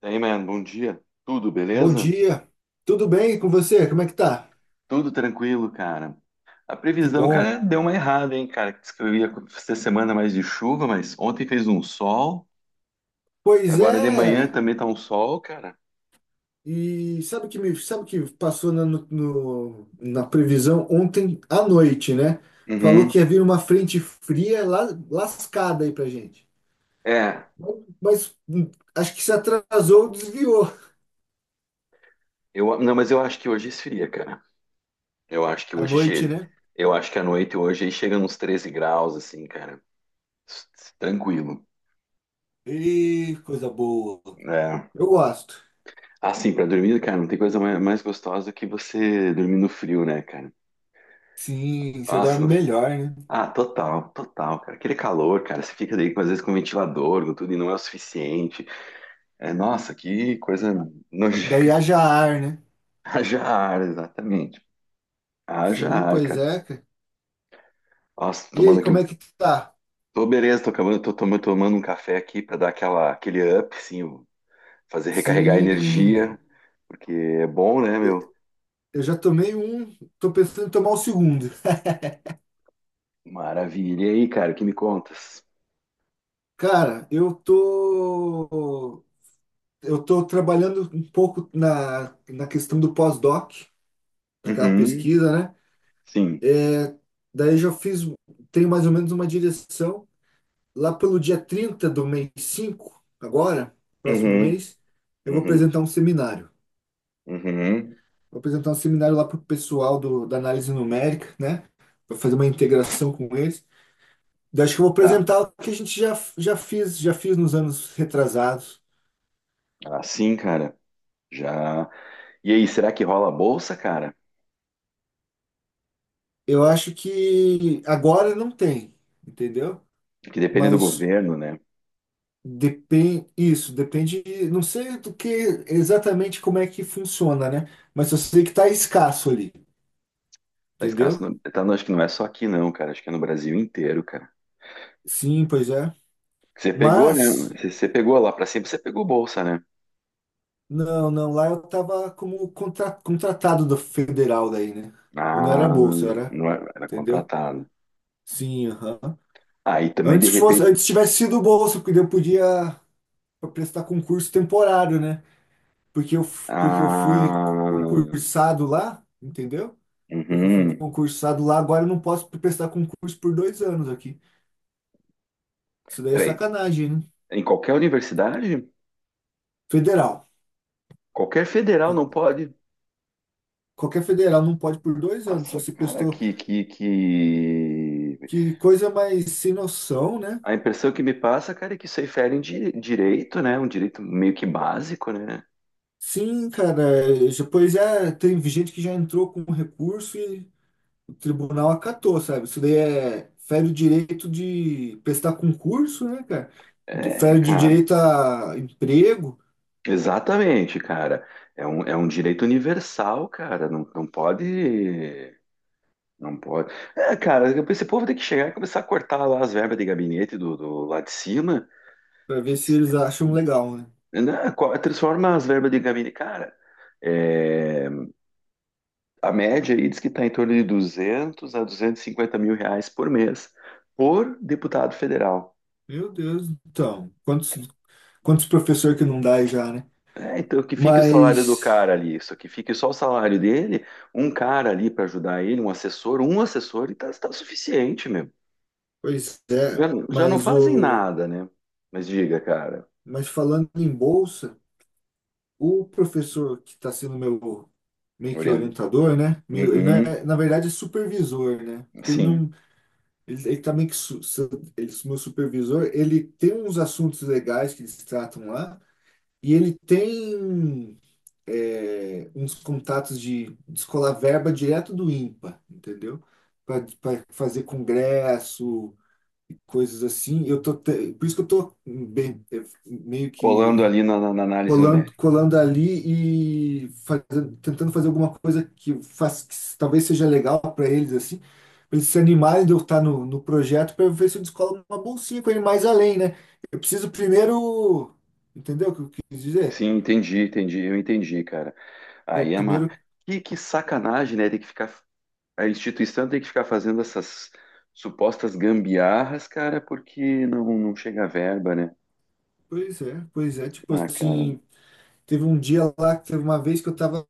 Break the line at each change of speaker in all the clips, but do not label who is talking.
Daí, mano, bom dia. Tudo
Bom
beleza?
dia, tudo bem com você? Como é que tá?
Tudo tranquilo, cara. A
Que
previsão, cara,
bom.
deu uma errada, hein, cara. Diz que eu ia ter semana mais de chuva, mas ontem fez um sol. E
Pois
agora de manhã
é,
também tá um sol, cara.
e sabe o que passou na, no- no- na previsão ontem à noite, né? Falou
Uhum.
que ia vir uma frente fria lascada aí pra gente.
É,
Mas, acho que se atrasou, desviou
não, mas eu acho que hoje esfria, cara. Eu acho que
à
hoje
noite,
chega.
né?
Eu acho que à noite hoje aí chega nos 13 graus, assim, cara. Tranquilo.
E coisa boa.
É.
Eu gosto.
Assim, pra dormir, cara, não tem coisa mais gostosa do que você dormir no frio, né, cara?
Sim, você dorme
Nossa,
melhor, né?
ah, total, total, cara. Aquele calor, cara, você fica daí às vezes com ventilador, com tudo e não é o suficiente. É, nossa, que coisa
Daí
nojenta.
haja ar, né?
Haja ar, exatamente. Haja
Sim,
ar,
pois
cara.
é, cara.
Nossa, tô
E
tomando
aí,
aqui
como
um.
é que tá?
Tô beleza, tô acabando, tô tomando um café aqui pra dar aquele up, assim, fazer recarregar a
Sim.
energia, porque é bom, né, meu?
Eu já tomei um, tô pensando em tomar o segundo.
Maravilha. E aí, cara, o que me contas?
Cara, eu tô trabalhando um pouco na questão do pós-doc, naquela
Uhum,
pesquisa, né?
sim.
Daí já fiz, tenho mais ou menos uma direção. Lá pelo dia 30 do mês 5, agora, próximo
Uhum,
mês, eu vou
uhum,
apresentar um seminário.
uhum.
Vou apresentar um seminário lá pro pessoal da análise numérica, né? Vou fazer uma integração com eles. Daí acho que eu vou
Tá.
apresentar o que a gente já fiz nos anos retrasados.
Assim, cara, já. E aí, será que rola a bolsa, cara?
Eu acho que agora não tem, entendeu?
Que depende do
Mas
governo, né?
depende, isso, depende, não sei do que exatamente como é que funciona, né? Mas eu sei que tá escasso ali,
Tá escasso,
entendeu?
não, acho que não é só aqui não, cara, acho que é no Brasil inteiro, cara.
Sim, pois é.
Você pegou, né?
Mas,
Você pegou lá pra sempre, você pegou bolsa, né?
não, não, lá eu tava como contratado do federal daí, né? Não era
Ah,
bolsa, era,
não era, era
entendeu?
contratado.
Sim, aham.
Aí também de
Antes fosse,
repente,
antes tivesse sido bolsa, porque eu podia para prestar concurso temporário, né? Porque eu fui
ah,
concursado lá, entendeu? Porque eu fui
uhum.
concursado lá, agora eu não posso prestar concurso por 2 anos aqui. Isso daí é
Peraí,
sacanagem, né?
em qualquer universidade,
Federal.
qualquer federal não
Qual-
pode.
Qualquer federal não pode por 2 anos. Se
Nossa,
você
cara,
prestou,
que, que, que...
que coisa mais sem noção, né?
A impressão que me passa, cara, é que isso aí fere em direito, né? Um direito meio que básico, né?
Sim, cara. Depois é, tem gente que já entrou com recurso e o tribunal acatou, sabe? Isso daí é, fere o direito de prestar concurso, né, cara?
É,
Fere de
cara,
direito a emprego,
exatamente, cara. É um direito universal, cara. Não, não pode. Não pode. É, cara, esse povo tem que chegar e começar a cortar lá as verbas de gabinete do lá de cima.
para ver
Que,
se eles acham legal, né?
né, transforma as verbas de gabinete. Cara, é, a média aí diz que está em torno de 200 a 250 mil reais por mês por deputado federal.
Meu Deus, então, quantos professor que não dá aí já, né?
É, então, que fique o salário do
Mas,
cara ali, isso que fique só o salário dele, um cara ali para ajudar ele, um assessor e tá suficiente mesmo.
pois
Já,
é,
já não fazem nada, né? Mas diga, cara,
mas falando em bolsa, o professor que está sendo meu meio que
orientando.
orientador, né? Ele não
Uhum,
é, na verdade é supervisor, né? Porque ele
sim,
não. Ele também, que su- su- ele, meu supervisor, ele tem uns assuntos legais que eles tratam lá, e ele tem uns contatos de descolar verba direto do INPA, entendeu? Para fazer congresso e coisas assim. Por isso que eu tô bem, meio que
colando ali na, na análise
colando,
numérica.
colando ali e tentando fazer alguma coisa que talvez seja legal para eles, assim, para eles se animarem de eu estar no projeto para ver se eu descolo uma bolsinha com ele mais além, né? Eu preciso primeiro, entendeu o que eu quis dizer?
Sim, entendi, entendi, eu entendi, cara.
Eu
Aí é uma.
primeiro,
Que sacanagem, né? Tem que ficar. A instituição tem que ficar fazendo essas supostas gambiarras, cara, porque não chega a verba, né?
pois é, tipo
Ah, cara.
assim, teve um dia lá, que teve uma vez que eu tava,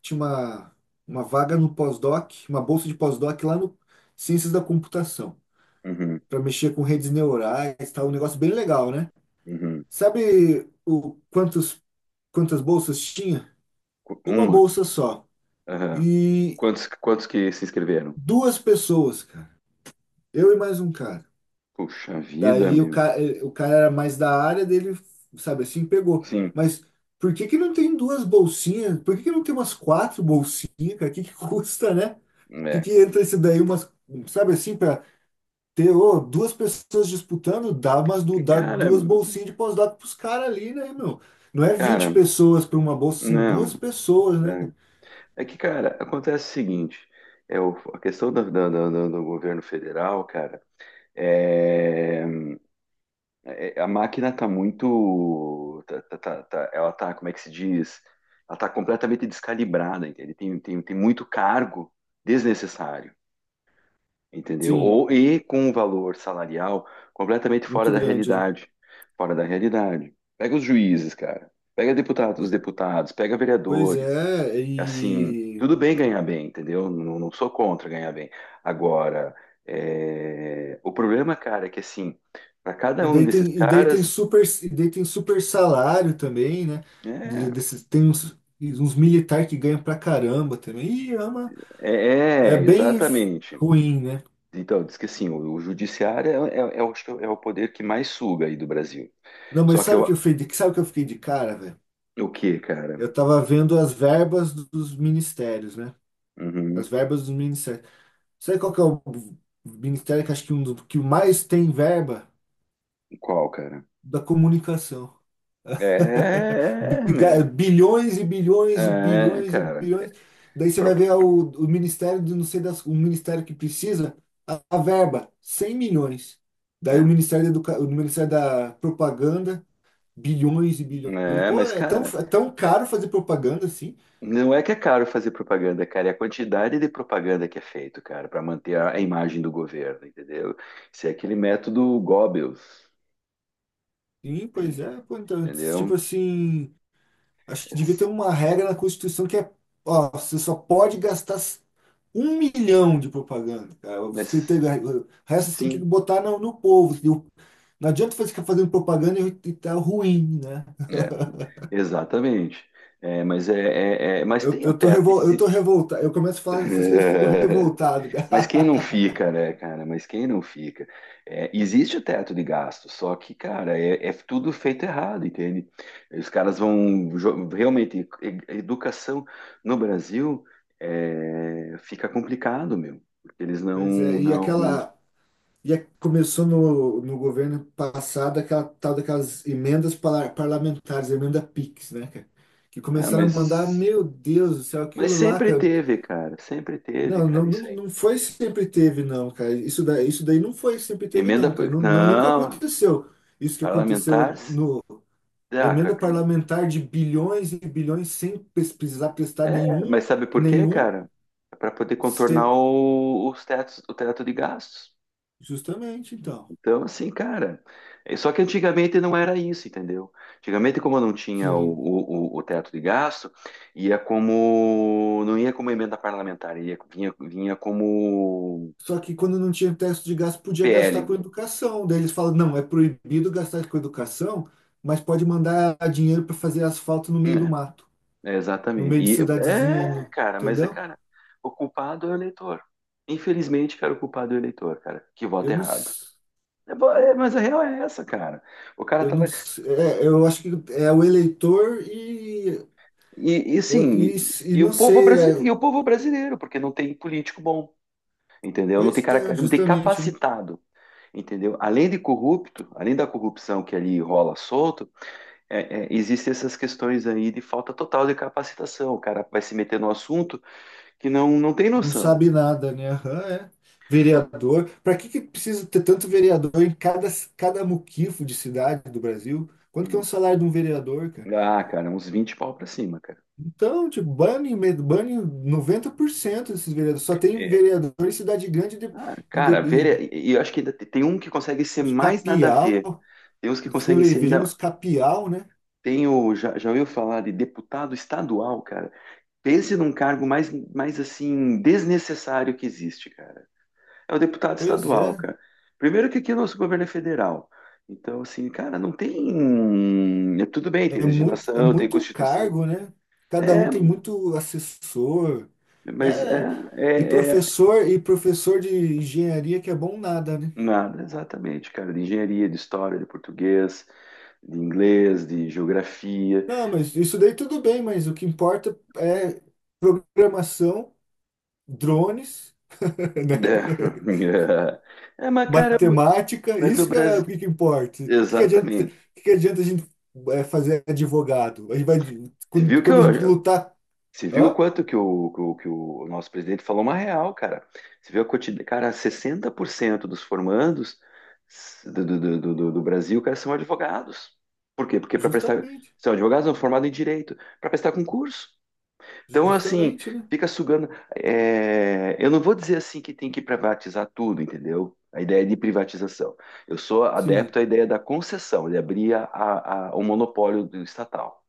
tinha uma vaga no pós-doc, uma bolsa de pós-doc lá no Ciências da Computação,
Uhum,
para mexer com redes neurais, tá um negócio bem legal, né?
uhum.
Sabe quantas bolsas tinha? Uma
Uma.
bolsa só.
Aham.
E
Quantos que se inscreveram?
duas pessoas, cara. Eu e mais um cara.
Puxa vida,
Daí o
meu.
cara, o cara era mais da área dele, sabe assim, pegou.
Sim,
Mas por que que não tem duas bolsinhas? Por que que não tem umas quatro bolsinhas, cara? O que que custa, né? O que
é,
que
cara.
entra esse daí, umas, sabe assim, para ter, ô, duas pessoas disputando, dá, mas
É que,
dá
cara,
duas bolsinhas de pós-doc pros caras ali, né, meu? Não é 20
cara,
pessoas para uma bolsa, são
não.
duas pessoas, né?
Né? É que, cara, acontece o seguinte, a questão do governo federal, cara, é, a máquina tá muito, ela tá, como é que se diz? Ela tá completamente descalibrada, entende? Tem muito cargo desnecessário. Entendeu?
Sim,
Ou e com um valor salarial completamente fora
muito
da
grande, né?
realidade, fora da realidade. Pega os juízes, cara. Pega
Pô,
os deputados, pega
pois
vereadores.
é,
Assim,
e,
tudo bem ganhar bem, entendeu? Não, não sou contra ganhar bem. Agora, o problema, cara, é que assim, para cada
e
um
daí
desses
tem, e daí tem
caras,
super, e daí tem super salário também, né?
é,
Tem uns militares que ganham pra caramba também. Ih, é
é,
bem
exatamente.
ruim, né?
Então, diz que assim, o judiciário é o poder que mais suga aí do Brasil.
Não, mas
Só que eu,
sabe o que eu fiquei de cara, velho?
o que, cara?
Eu tava vendo as verbas dos ministérios, né? As
Uhum.
verbas dos ministérios. Sabe qual que é o ministério que acho que, um do, que o mais tem verba?
Qual, cara?
Da comunicação.
É, meu.
Bilhões e bilhões e
É,
bilhões e
cara.
bilhões. Daí você
Pro-
vai ver o ministério de não sei das, o ministério que precisa, a verba, 100 milhões. Daí o
É,
Ministério o Ministério da Propaganda, bilhões e bilhões.
é,
Pô,
mas,
é tão,
cara,
é tão caro fazer propaganda assim?
não é que é caro fazer propaganda, cara. É a quantidade de propaganda que é feito, cara, para manter a imagem do governo, entendeu? Isso é aquele método Goebbels,
Sim, pois é. Pô, então,
entendeu?
tipo assim. Acho que devia ter
Mas,
uma regra na Constituição que é, ó, você só pode gastar 1 milhão de propaganda, cara. Você tem,
mas,
o resto você tem que
sim,
botar no povo, entendeu? Não adianta você ficar fazendo propaganda e tá ruim, né?
é, exatamente. É, mas
Eu,
tem o
eu tô
teto.
revol, eu tô revoltado. Eu começo a falar dessas coisas e fico revoltado,
Mas quem não
cara.
fica, né, cara? Mas quem não fica? É, existe o teto de gasto, só que, cara, é tudo feito errado, entende? Os caras vão realmente educação no Brasil fica complicado, meu. Porque eles não,
Pois é, e
não,
aquela. Começou no governo passado aquela tal daquelas emendas parlamentares, emenda PIX, né, cara? Que
Ah,
começaram a mandar,
mas,
meu Deus do céu,
mas
aquilo lá, cara.
sempre teve,
Não, não,
cara,
não,
isso aí.
não foi sempre teve, não, cara. Isso daí não foi sempre teve,
Emenda,
não, cara. Nunca
não,
aconteceu. Isso que aconteceu
parlamentar,
no
cara.
emenda parlamentar de bilhões e bilhões sem precisar prestar
É, mas
nenhum,
sabe por quê,
nenhum,
cara? É para poder contornar
sem-
os tetos, o teto de gastos.
justamente, então.
Então, assim, cara. Só que antigamente não era isso, entendeu? Antigamente, como não tinha o,
Sim.
o, o- o teto de gasto, ia como. Não ia como emenda parlamentar, ia, vinha como
Só que quando não tinha teto de gasto, podia gastar
PL.
com educação. Daí eles falam, não, é proibido gastar com educação, mas pode mandar dinheiro para fazer asfalto no meio do mato,
É, é,
no
exatamente.
meio de
E,
cidadezinha,
cara, mas é,
entendeu?
cara, o culpado é o eleitor. Infelizmente, cara, o culpado é o eleitor, cara, que
Eu
vota
não.
errado. É, mas a real é essa, cara. O cara
Eu
tá lá.
não sei, é, eu acho que é o eleitor
E sim,
e, e
e
não
o povo
sei,
brasileiro, e o povo brasileiro, porque não tem político bom, entendeu? Não tem
pois é,
cara, não tem
justamente, né?
capacitado, entendeu? Além de corrupto, além da corrupção que ali rola solto, existem essas questões aí de falta total de capacitação. O cara vai se meter no assunto que não tem
Não
noção.
sabe nada, né? Aham, é. Vereador. Para que que precisa ter tanto vereador em cada muquifo de cidade do Brasil? Quanto que é um salário de um vereador, cara?
Ah, cara, uns 20 pau pra cima, cara.
Então, tipo, bane 90% desses vereadores. Só tem
É.
vereador em cidade grande
Ah, cara,
e
ver, e eu acho que ainda tem um que consegue ser
os
mais nada a
capial.
ver. Tem uns que
Fico
conseguem ser
vejando
ainda.
os capial, né?
Já, já ouviu falar de deputado estadual, cara? Pense num cargo mais, mais assim, desnecessário que existe, cara. É o deputado
Pois
estadual,
é.
cara. Primeiro que aqui é o nosso governo é federal. Então, assim, cara, não tem. Tudo bem, tem
É muito, é
legislação, tem
muito
Constituição.
cargo, né? Cada um
É,
tem muito assessor.
mas é,
É, e
é, é
professor, e professor de engenharia que é bom nada, né?
nada exatamente, cara, de engenharia, de história, de português, de inglês, de geografia.
Não, mas isso daí tudo bem, mas o que importa é programação, drones, né?
É, mas, cara,
Matemática,
mas o
isso que é
Brasil.
o que que importa. O que que adianta, o
Exatamente.
que que adianta a gente fazer advogado? A gente vai,
Você viu
quando,
que
quando a gente
eu,
lutar.
você viu o
Hã?
quanto que o nosso presidente falou uma real, cara. Você viu a quantidade, cara, 60% dos formandos do Brasil, cara, são advogados. Por quê? Porque
Justamente,
são advogados são formados em direito, para prestar concurso. Então, assim,
justamente, né?
fica sugando. Eu não vou dizer assim que tem que privatizar tudo, entendeu? A ideia de privatização. Eu sou
Sim,
adepto à ideia da concessão, de abrir o monopólio do estatal.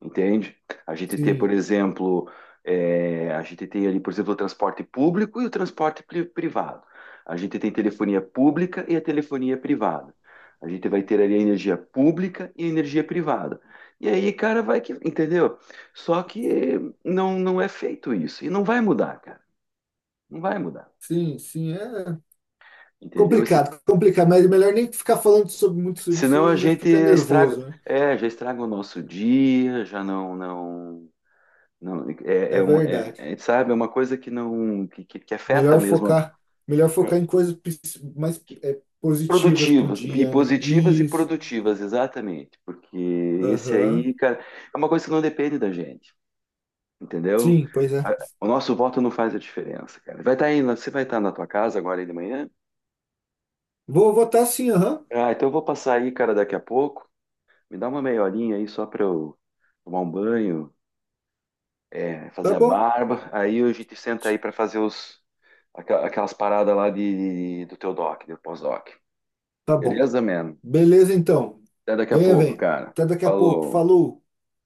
Entende? A gente tem, por
sim.
exemplo, a gente tem ali, por exemplo, o transporte público e o transporte privado. A gente tem telefonia pública e a telefonia privada. A gente vai ter ali a energia pública e a energia privada. E aí, cara, vai que, entendeu? Só que não é feito isso. E não vai mudar, cara. Não vai mudar.
Sim, sim, é
Entendeu? Se,
complicado, complicado, mas é melhor nem ficar falando sobre muito sobre isso, senão
senão
a
a
gente já
gente
fica nervoso, né?
já estraga o nosso dia, já não. Não,
É verdade.
sabe, é uma coisa que não que, que afeta
Melhor
mesmo
focar, melhor focar
a-
em coisas mais
que-
positivas pro
produtivas e
dia, né?
positivas e
Isso.
produtivas, exatamente, porque esse
Aham.
aí, cara, é uma coisa que não depende da gente, entendeu?
Sim, pois é.
O nosso voto não faz a diferença, cara. Vai estar aí, você vai estar na tua casa agora aí de manhã?
Vou votar sim, aham.
Ah, então eu vou passar aí, cara, daqui a pouco. Me dá uma meia horinha aí só para eu tomar um banho,
Tá
fazer a
bom?
barba. Aí a gente senta aí para fazer aquelas paradas lá do teu doc, do pós-doc.
Tá bom.
Beleza, man?
Beleza, então.
Até daqui a
Venha,
pouco,
venha.
cara.
Até daqui a pouco.
Falou.
Falou.